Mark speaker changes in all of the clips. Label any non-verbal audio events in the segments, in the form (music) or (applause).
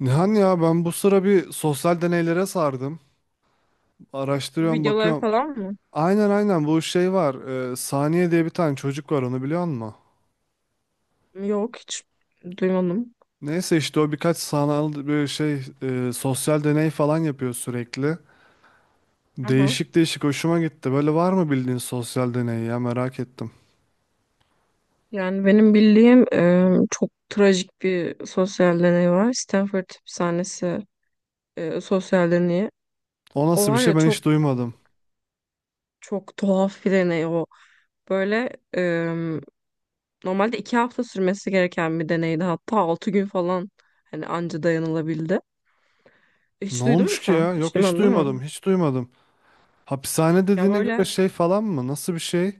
Speaker 1: Nihan ya ben bu sıra bir sosyal deneylere sardım.
Speaker 2: Bu
Speaker 1: Araştırıyorum,
Speaker 2: videoları
Speaker 1: bakıyorum.
Speaker 2: falan mı?
Speaker 1: Aynen, aynen, bu şey var. Saniye diye bir tane çocuk var, onu biliyor musun?
Speaker 2: Yok hiç duymadım.
Speaker 1: Neyse işte o birkaç sanal bir şey sosyal deney falan yapıyor sürekli.
Speaker 2: Aha.
Speaker 1: Değişik değişik hoşuma gitti. Böyle var mı bildiğin sosyal deney, ya merak ettim.
Speaker 2: Yani benim bildiğim çok trajik bir sosyal deney var. Stanford Hapishanesi sosyal deneyi.
Speaker 1: O
Speaker 2: O
Speaker 1: nasıl bir
Speaker 2: var
Speaker 1: şey,
Speaker 2: ya
Speaker 1: ben
Speaker 2: çok
Speaker 1: hiç duymadım.
Speaker 2: çok tuhaf bir deney o. Böyle e, normalde 2 hafta sürmesi gereken bir deneydi. Hatta 6 gün falan hani anca dayanılabildi.
Speaker 1: Ne
Speaker 2: Hiç duydun mu
Speaker 1: olmuş ki
Speaker 2: sen?
Speaker 1: ya?
Speaker 2: Hiç
Speaker 1: Yok, hiç
Speaker 2: duymadın değil mi?
Speaker 1: duymadım, hiç duymadım. Hapishane
Speaker 2: Ya
Speaker 1: dediğine
Speaker 2: böyle
Speaker 1: göre şey falan mı? Nasıl bir şey?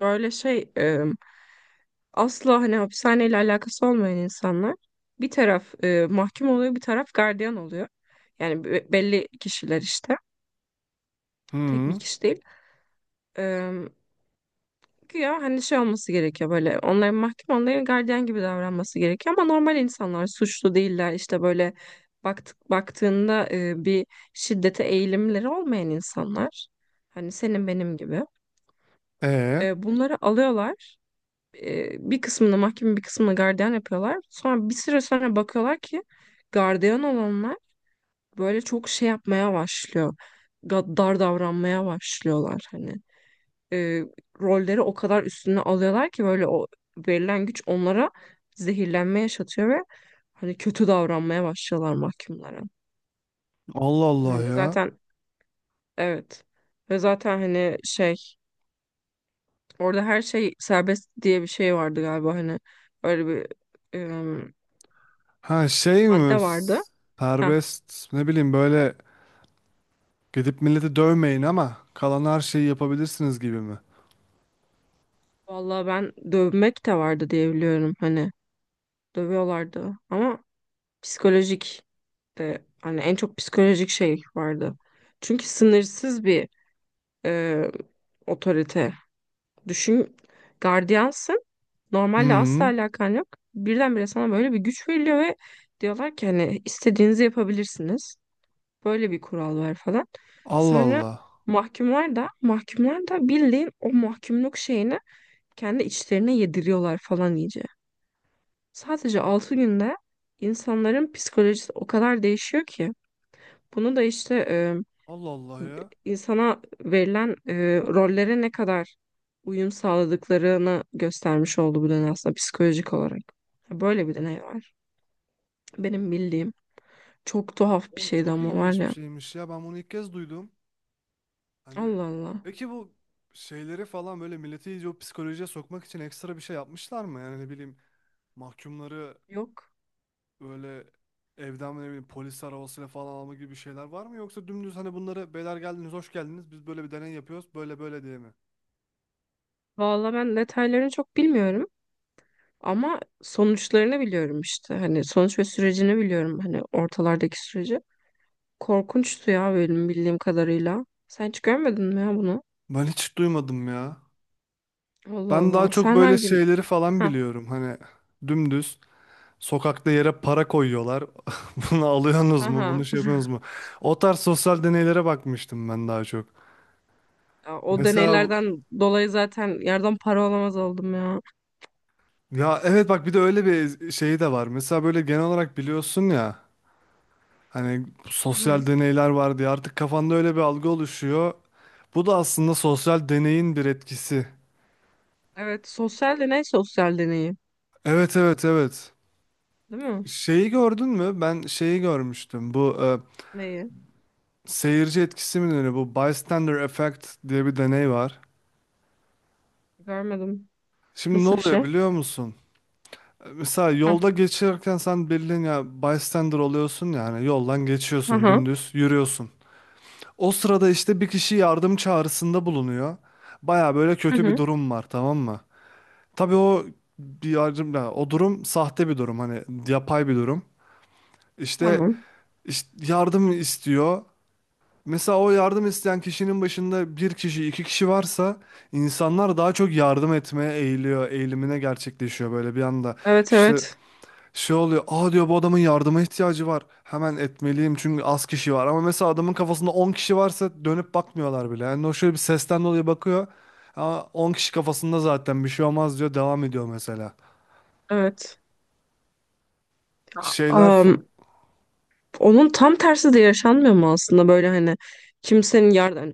Speaker 2: böyle şey asla hani hapishaneyle alakası olmayan insanlar bir taraf mahkum oluyor, bir taraf gardiyan oluyor. Yani belli kişiler işte. Tek bir
Speaker 1: Hı.
Speaker 2: kişi değil. E, Güya hani şey olması gerekiyor böyle onların mahkum onların gardiyan gibi davranması gerekiyor ama normal insanlar suçlu değiller işte böyle baktığında bir şiddete eğilimleri olmayan insanlar hani senin benim gibi
Speaker 1: E.
Speaker 2: bunları alıyorlar, bir kısmını mahkeme bir kısmını gardiyan yapıyorlar. Sonra bir süre sonra bakıyorlar ki gardiyan olanlar böyle çok şey yapmaya başlıyor. Dar davranmaya başlıyorlar hani. E, Rolleri o kadar üstüne alıyorlar ki böyle o verilen güç onlara zehirlenme yaşatıyor ve hani kötü davranmaya başlıyorlar mahkumlara.
Speaker 1: Allah Allah
Speaker 2: Hani
Speaker 1: ya.
Speaker 2: zaten evet ve zaten hani şey, orada her şey serbest diye bir şey vardı galiba, hani öyle bir em,
Speaker 1: Ha, şey mi?
Speaker 2: madde
Speaker 1: S-
Speaker 2: vardı. Ha,
Speaker 1: serbest, ne bileyim, böyle gidip milleti dövmeyin ama kalan her şeyi yapabilirsiniz gibi mi?
Speaker 2: vallahi ben dövmek de vardı diye biliyorum, hani dövüyorlardı ama psikolojik de hani en çok psikolojik şey vardı. Çünkü sınırsız bir e, otorite. Düşün, gardiyansın, normalde asla
Speaker 1: Hmm.
Speaker 2: alakan yok. Birdenbire sana böyle bir güç veriliyor ve diyorlar ki hani istediğinizi yapabilirsiniz. Böyle bir kural var falan.
Speaker 1: Allah
Speaker 2: Sonra
Speaker 1: Allah.
Speaker 2: mahkumlar da bildiğin o mahkumluk şeyini kendi içlerine yediriyorlar falan iyice. Sadece 6 günde insanların psikolojisi o kadar değişiyor ki. Bunu da işte
Speaker 1: Allah Allah ya.
Speaker 2: insana verilen rollere ne kadar uyum sağladıklarını göstermiş oldu bu deney, aslında psikolojik olarak. Böyle bir deney var. Benim bildiğim çok tuhaf bir
Speaker 1: Oğlum
Speaker 2: şeydi
Speaker 1: çok
Speaker 2: ama, var
Speaker 1: ilginç bir
Speaker 2: ya.
Speaker 1: şeymiş ya. Ben bunu ilk kez duydum. Hani
Speaker 2: Allah Allah.
Speaker 1: peki bu şeyleri falan, böyle milleti iyice o psikolojiye sokmak için ekstra bir şey yapmışlar mı? Yani ne bileyim, mahkumları
Speaker 2: Yok.
Speaker 1: böyle evden ne bileyim polis arabasıyla falan alma gibi şeyler var mı? Yoksa dümdüz hani bunları beyler geldiniz, hoş geldiniz, biz böyle bir deney yapıyoruz, böyle böyle diye mi?
Speaker 2: Valla ben detaylarını çok bilmiyorum. Ama sonuçlarını biliyorum işte. Hani sonuç ve sürecini biliyorum. Hani ortalardaki süreci. Korkunçtu ya bölüm bildiğim kadarıyla. Sen hiç görmedin mi ya bunu?
Speaker 1: Ben hiç duymadım ya.
Speaker 2: Allah
Speaker 1: Ben daha
Speaker 2: Allah.
Speaker 1: çok
Speaker 2: Sen
Speaker 1: böyle
Speaker 2: hangi...
Speaker 1: şeyleri falan
Speaker 2: Ha
Speaker 1: biliyorum. Hani dümdüz sokakta yere para koyuyorlar. (laughs) Bunu alıyorsunuz
Speaker 2: ha
Speaker 1: mu? Bunu
Speaker 2: ha.
Speaker 1: şey yapıyorsunuz
Speaker 2: (laughs)
Speaker 1: mu? O tarz sosyal deneylere bakmıştım ben daha çok.
Speaker 2: Ya, o
Speaker 1: Mesela bu-
Speaker 2: deneylerden dolayı zaten yerden para alamaz oldum ya.
Speaker 1: ya evet, bak, bir de öyle bir şeyi de var. Mesela böyle genel olarak biliyorsun ya hani
Speaker 2: Hı hı.
Speaker 1: sosyal deneyler var diye artık kafanda öyle bir algı oluşuyor. Bu da aslında sosyal deneyin bir etkisi.
Speaker 2: Evet, sosyal deney sosyal deneyi.
Speaker 1: Evet, evet, evet.
Speaker 2: Değil mi?
Speaker 1: Şeyi gördün mü? Ben şeyi görmüştüm. Bu
Speaker 2: Neyi?
Speaker 1: seyirci etkisi mi deniyor? Bu bystander effect diye bir deney var.
Speaker 2: Görmedim.
Speaker 1: Şimdi ne
Speaker 2: Nasıl bir
Speaker 1: oluyor
Speaker 2: şey?
Speaker 1: biliyor musun? Mesela
Speaker 2: Ha.
Speaker 1: yolda geçerken sen bildiğin ya bystander oluyorsun, yani yoldan
Speaker 2: Hı hı.
Speaker 1: geçiyorsun,
Speaker 2: Hı.
Speaker 1: dümdüz yürüyorsun. O sırada işte bir kişi yardım çağrısında bulunuyor. Baya böyle kötü bir
Speaker 2: Hı.
Speaker 1: durum var, tamam mı? Tabii o bir yardım ya, o durum sahte bir durum, hani yapay bir durum. İşte,
Speaker 2: Tamam.
Speaker 1: işte yardım istiyor. Mesela o yardım isteyen kişinin başında bir kişi, iki kişi varsa insanlar daha çok yardım etmeye eğiliyor, eğilimine gerçekleşiyor böyle bir anda.
Speaker 2: Evet
Speaker 1: İşte
Speaker 2: evet.
Speaker 1: şey oluyor, aa diyor, bu adamın yardıma ihtiyacı var. Hemen etmeliyim çünkü az kişi var. Ama mesela adamın kafasında 10 kişi varsa dönüp bakmıyorlar bile. Yani o şöyle bir sesten dolayı bakıyor. Ama 10 kişi kafasında, zaten bir şey olmaz diyor, devam ediyor mesela.
Speaker 2: Evet.
Speaker 1: Şeyler,
Speaker 2: Aa,
Speaker 1: f-
Speaker 2: onun tam tersi de yaşanmıyor mu aslında, böyle hani kimsenin yardım, hani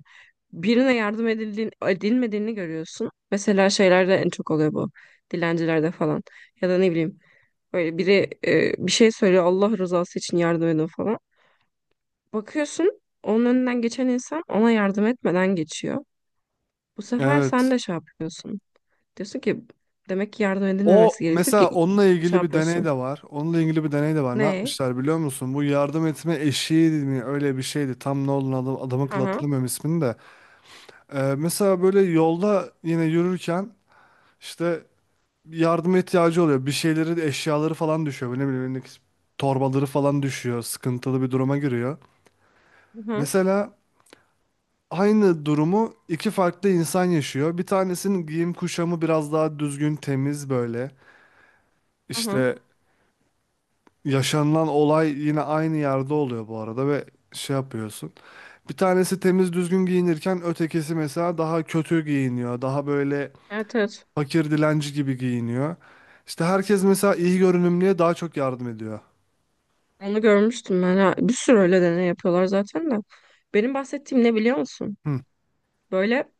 Speaker 2: birine yardım edildiğin, edilmediğini görüyorsun. Mesela şeylerde en çok oluyor bu. Dilencilerde falan. Ya da ne bileyim, böyle biri bir şey söylüyor, Allah rızası için yardım edin falan. Bakıyorsun onun önünden geçen insan ona yardım etmeden geçiyor. Bu sefer sen
Speaker 1: evet.
Speaker 2: de şey yapıyorsun. Diyorsun ki demek ki yardım
Speaker 1: O
Speaker 2: edilmemesi gerekiyor
Speaker 1: mesela,
Speaker 2: ki
Speaker 1: onunla
Speaker 2: şey
Speaker 1: ilgili bir deney de
Speaker 2: yapıyorsun.
Speaker 1: var. Onunla ilgili bir deney de var. Ne
Speaker 2: Ne?
Speaker 1: yapmışlar biliyor musun? Bu yardım etme eşiği mi, öyle bir şeydi. Tam ne olduğunu adamın
Speaker 2: Hı
Speaker 1: kıl
Speaker 2: hı.
Speaker 1: hatırlamıyorum ismini de. Mesela böyle yolda yine yürürken işte yardıma ihtiyacı oluyor. Bir şeyleri, eşyaları falan düşüyor. Böyle ne bileyim elindeki torbaları falan düşüyor. Sıkıntılı bir duruma giriyor.
Speaker 2: Hı hı.
Speaker 1: Mesela aynı durumu iki farklı insan yaşıyor. Bir tanesinin giyim kuşamı biraz daha düzgün, temiz böyle.
Speaker 2: Hı hı.
Speaker 1: İşte yaşanılan olay yine aynı yerde oluyor bu arada ve şey yapıyorsun. Bir tanesi temiz düzgün giyinirken ötekisi mesela daha kötü giyiniyor. Daha böyle
Speaker 2: Evet evet.
Speaker 1: fakir, dilenci gibi giyiniyor. İşte herkes mesela iyi görünümlüye daha çok yardım ediyor.
Speaker 2: Onu görmüştüm ben. Ha, bir sürü öyle deney yapıyorlar zaten de. Benim bahsettiğim ne biliyor musun?
Speaker 1: Hı
Speaker 2: Böyle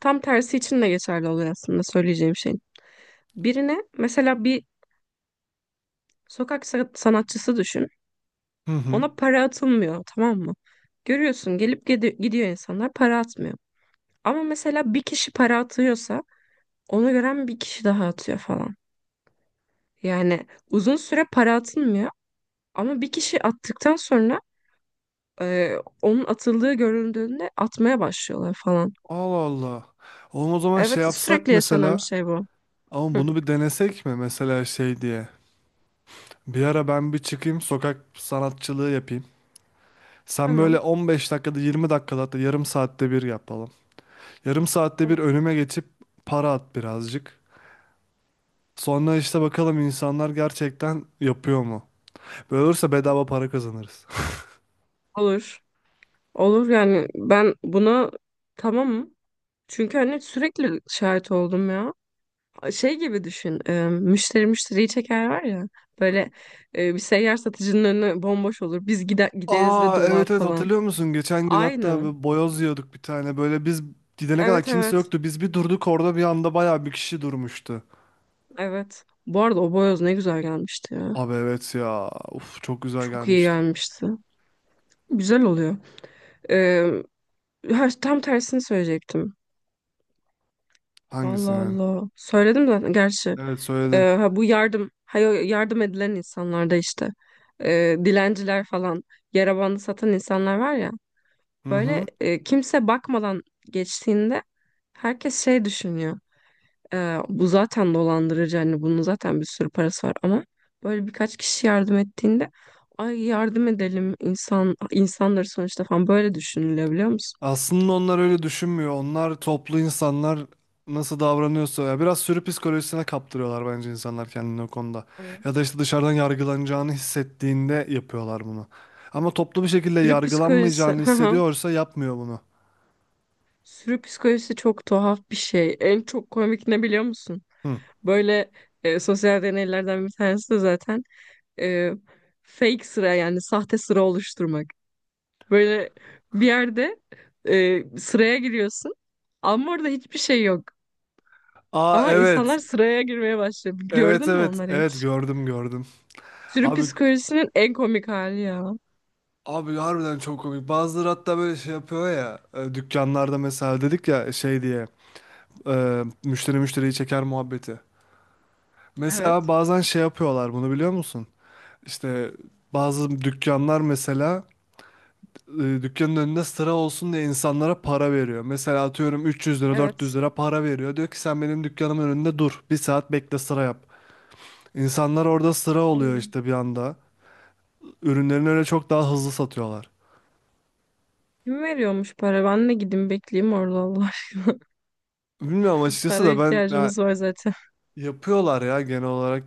Speaker 2: tam tersi için de geçerli oluyor aslında, söyleyeceğim şeyin. Birine mesela bir sokak sanatçısı düşün.
Speaker 1: hı. Hı.
Speaker 2: Ona para atılmıyor, tamam mı? Görüyorsun gelip gidiyor, insanlar para atmıyor. Ama mesela bir kişi para atıyorsa onu gören bir kişi daha atıyor falan. Yani uzun süre para atılmıyor ama bir kişi attıktan sonra e, onun atıldığı görüldüğünde atmaya başlıyorlar falan.
Speaker 1: Allah Allah. Oğlum o zaman şey
Speaker 2: Evet,
Speaker 1: yapsak
Speaker 2: sürekli yaşanan bir
Speaker 1: mesela,
Speaker 2: şey bu.
Speaker 1: ama
Speaker 2: Hı.
Speaker 1: bunu bir denesek mi mesela, şey diye. Bir ara ben bir çıkayım, sokak sanatçılığı yapayım. Sen böyle
Speaker 2: Tamam.
Speaker 1: 15 dakikada, 20 dakikada, hatta yarım saatte bir yapalım. Yarım saatte bir
Speaker 2: Tamam.
Speaker 1: önüme geçip para at birazcık. Sonra işte bakalım insanlar gerçekten yapıyor mu? Böyle olursa bedava para kazanırız.
Speaker 2: Olur. Olur, yani ben buna tamamım. Çünkü hani sürekli şahit oldum ya. Şey gibi düşün, müşteri müşteriyi çeker var ya. Böyle bir seyyar satıcının önü bomboş olur. Biz
Speaker 1: (laughs)
Speaker 2: gideriz ve
Speaker 1: Aa
Speaker 2: dolar
Speaker 1: evet, evet,
Speaker 2: falan.
Speaker 1: hatırlıyor musun? Geçen gün hatta
Speaker 2: Aynı.
Speaker 1: bir boyoz yiyorduk bir tane. Böyle biz gidene kadar
Speaker 2: Evet
Speaker 1: kimse
Speaker 2: evet.
Speaker 1: yoktu. Biz bir durduk orada, bir anda bayağı bir kişi durmuştu.
Speaker 2: Evet. Bu arada o boyoz ne güzel gelmişti ya.
Speaker 1: Abi evet ya. Uf, çok güzel
Speaker 2: Çok iyi
Speaker 1: gelmişti.
Speaker 2: gelmişti. Güzel oluyor. E, ha, tam tersini söyleyecektim. Allah
Speaker 1: Hangisi yani?
Speaker 2: Allah. Söyledim zaten gerçi.
Speaker 1: Evet, söyledin.
Speaker 2: Ha, bu yardım, yardım edilen insanlarda işte, dilenciler falan, yara bandı satan insanlar var ya,
Speaker 1: Hı
Speaker 2: böyle
Speaker 1: hı.
Speaker 2: kimse bakmadan geçtiğinde herkes şey düşünüyor. Bu zaten dolandırıcı, hani bunun zaten bir sürü parası var, ama böyle birkaç kişi yardım ettiğinde ay yardım edelim, insanları sonuçta falan, böyle düşünülebiliyor musun?
Speaker 1: Aslında onlar öyle düşünmüyor. Onlar toplu insanlar nasıl davranıyorsa ya, biraz sürü psikolojisine kaptırıyorlar bence insanlar kendini o konuda. Ya da
Speaker 2: Evet.
Speaker 1: işte dışarıdan yargılanacağını hissettiğinde yapıyorlar bunu. Ama toplu bir şekilde
Speaker 2: Sürü psikolojisi.
Speaker 1: yargılanmayacağını
Speaker 2: (laughs)
Speaker 1: hissediyorsa yapmıyor bunu.
Speaker 2: Sürü psikolojisi çok tuhaf bir şey. En çok komik ne biliyor musun?
Speaker 1: Hı.
Speaker 2: Böyle sosyal deneylerden bir tanesi de zaten e, fake sıra, yani sahte sıra oluşturmak. Böyle bir yerde sıraya giriyorsun ama orada hiçbir şey yok.
Speaker 1: Aa
Speaker 2: Ama
Speaker 1: evet.
Speaker 2: insanlar sıraya girmeye başlıyor.
Speaker 1: Evet,
Speaker 2: Gördün mü
Speaker 1: evet.
Speaker 2: onları
Speaker 1: Evet,
Speaker 2: hiç?
Speaker 1: gördüm, gördüm.
Speaker 2: Sürü
Speaker 1: Abi,
Speaker 2: psikolojisinin en komik hali ya.
Speaker 1: abi harbiden çok komik. Bazıları hatta böyle şey yapıyor ya. Dükkanlarda mesela dedik ya, şey diye. Müşteri müşteriyi çeker muhabbeti. Mesela
Speaker 2: Evet,
Speaker 1: bazen şey yapıyorlar bunu, biliyor musun? İşte bazı dükkanlar mesela dükkanın önünde sıra olsun diye insanlara para veriyor. Mesela atıyorum 300 lira, 400
Speaker 2: evet.
Speaker 1: lira para veriyor. Diyor ki sen benim dükkanımın önünde dur. Bir saat bekle, sıra yap. İnsanlar orada sıra oluyor
Speaker 2: Ay,
Speaker 1: işte bir anda. Ürünlerini öyle çok daha hızlı satıyorlar.
Speaker 2: kim veriyormuş para? Ben de gideyim bekleyeyim orada Allah aşkına.
Speaker 1: Bilmiyorum
Speaker 2: (laughs)
Speaker 1: açıkçası
Speaker 2: Para
Speaker 1: da ben ya,
Speaker 2: ihtiyacımız var zaten.
Speaker 1: yapıyorlar ya genel olarak.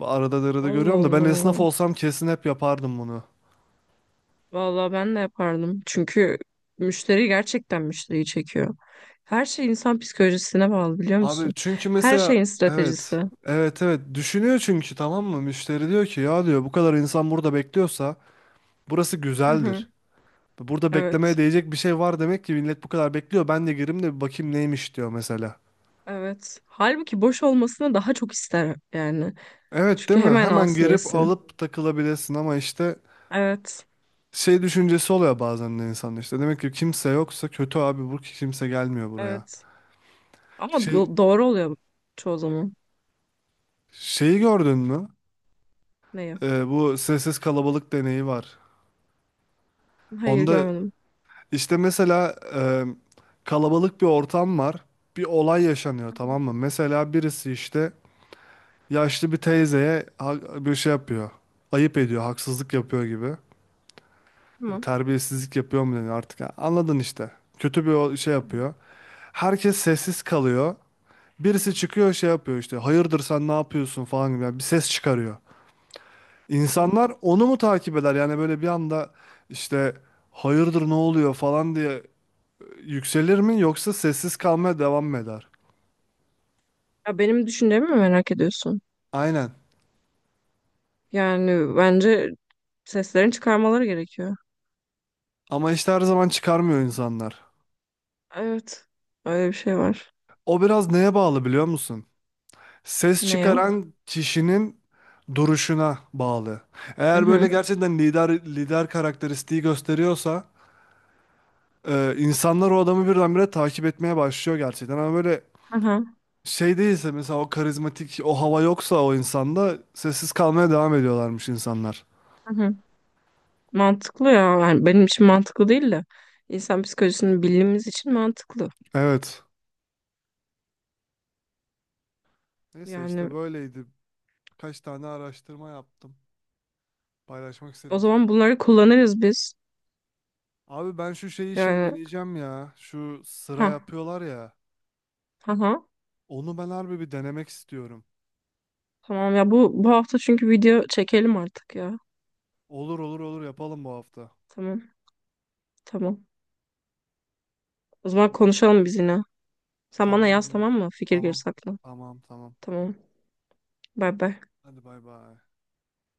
Speaker 1: Arada arada
Speaker 2: Allah
Speaker 1: görüyorum, da ben esnaf
Speaker 2: Allah.
Speaker 1: olsam kesin hep yapardım bunu.
Speaker 2: Vallahi ben de yapardım. Çünkü müşteri gerçekten müşteriyi çekiyor. Her şey insan psikolojisine bağlı, biliyor
Speaker 1: Abi
Speaker 2: musun?
Speaker 1: çünkü
Speaker 2: Her
Speaker 1: mesela,
Speaker 2: şeyin
Speaker 1: evet,
Speaker 2: stratejisi.
Speaker 1: evet, evet, düşünüyor çünkü, tamam mı, müşteri diyor ki ya, diyor bu kadar insan burada bekliyorsa burası
Speaker 2: Hı hı.
Speaker 1: güzeldir. Burada
Speaker 2: Evet.
Speaker 1: beklemeye değecek bir şey var demek ki, millet bu kadar bekliyor, ben de gireyim de bir bakayım neymiş diyor mesela.
Speaker 2: Evet. Halbuki boş olmasını daha çok ister yani.
Speaker 1: Evet
Speaker 2: Çünkü
Speaker 1: değil mi?
Speaker 2: hemen
Speaker 1: Hemen
Speaker 2: alsın
Speaker 1: girip
Speaker 2: yesin.
Speaker 1: alıp takılabilirsin ama işte
Speaker 2: Evet.
Speaker 1: şey düşüncesi oluyor bazen de insanda, işte demek ki kimse yoksa kötü abi bu ki, kimse gelmiyor buraya.
Speaker 2: Evet. Ama
Speaker 1: Şey
Speaker 2: doğru oluyor çoğu zaman.
Speaker 1: şeyi gördün mü?
Speaker 2: Neyi?
Speaker 1: Bu sessiz kalabalık deneyi var.
Speaker 2: Hayır,
Speaker 1: Onda
Speaker 2: görmedim.
Speaker 1: İşte mesela kalabalık bir ortam var. Bir olay yaşanıyor,
Speaker 2: Hı
Speaker 1: tamam
Speaker 2: hı.
Speaker 1: mı? Mesela birisi işte yaşlı bir teyzeye ha- bir şey yapıyor. Ayıp ediyor, haksızlık yapıyor gibi.
Speaker 2: Tamam.
Speaker 1: Terbiyesizlik yapıyor mu deniyor artık. Ha, anladın işte. Kötü bir o- şey
Speaker 2: Hı
Speaker 1: yapıyor. Herkes sessiz kalıyor. Birisi çıkıyor şey yapıyor işte, hayırdır sen ne yapıyorsun falan gibi, yani bir ses çıkarıyor.
Speaker 2: hı.
Speaker 1: İnsanlar onu mu takip eder yani böyle bir anda işte, hayırdır ne oluyor falan diye yükselir mi, yoksa sessiz kalmaya devam mı eder?
Speaker 2: Ya benim düşüncemi mi merak ediyorsun?
Speaker 1: Aynen.
Speaker 2: Yani bence seslerini çıkarmaları gerekiyor.
Speaker 1: Ama işte her zaman çıkarmıyor insanlar.
Speaker 2: Evet. Öyle bir şey var.
Speaker 1: O biraz neye bağlı biliyor musun? Ses
Speaker 2: Ne ya?
Speaker 1: çıkaran kişinin duruşuna bağlı.
Speaker 2: Hı
Speaker 1: Eğer böyle
Speaker 2: hı.
Speaker 1: gerçekten lider, lider karakteristiği gösteriyorsa insanlar o adamı birdenbire takip etmeye başlıyor gerçekten. Ama böyle
Speaker 2: Hı hı.
Speaker 1: şey değilse mesela, o karizmatik o hava yoksa o insanda, sessiz kalmaya devam ediyorlarmış insanlar.
Speaker 2: Hı hı. Mantıklı ya. Yani benim için mantıklı değil de insan psikolojisini bildiğimiz için mantıklı.
Speaker 1: Evet. Neyse işte
Speaker 2: Yani
Speaker 1: böyleydi. Kaç tane araştırma yaptım. Paylaşmak
Speaker 2: o
Speaker 1: istedim seni.
Speaker 2: zaman bunları kullanırız biz.
Speaker 1: Abi ben şu şey işini
Speaker 2: Yani
Speaker 1: deneyeceğim ya. Şu sıra
Speaker 2: ha
Speaker 1: yapıyorlar ya.
Speaker 2: ha ha.
Speaker 1: Onu ben harbi bir denemek istiyorum.
Speaker 2: Tamam ya, bu bu hafta çünkü video çekelim artık ya.
Speaker 1: Olur, olur, olur, yapalım bu hafta.
Speaker 2: Tamam. Tamam. O zaman
Speaker 1: Tamam.
Speaker 2: konuşalım biz yine. Sen bana
Speaker 1: Tamam
Speaker 2: yaz,
Speaker 1: canım.
Speaker 2: tamam mı? Fikir
Speaker 1: Tamam.
Speaker 2: gerisi aklına.
Speaker 1: Tamam, tamam.
Speaker 2: Tamam. Bay bay.
Speaker 1: Hadi bay bay.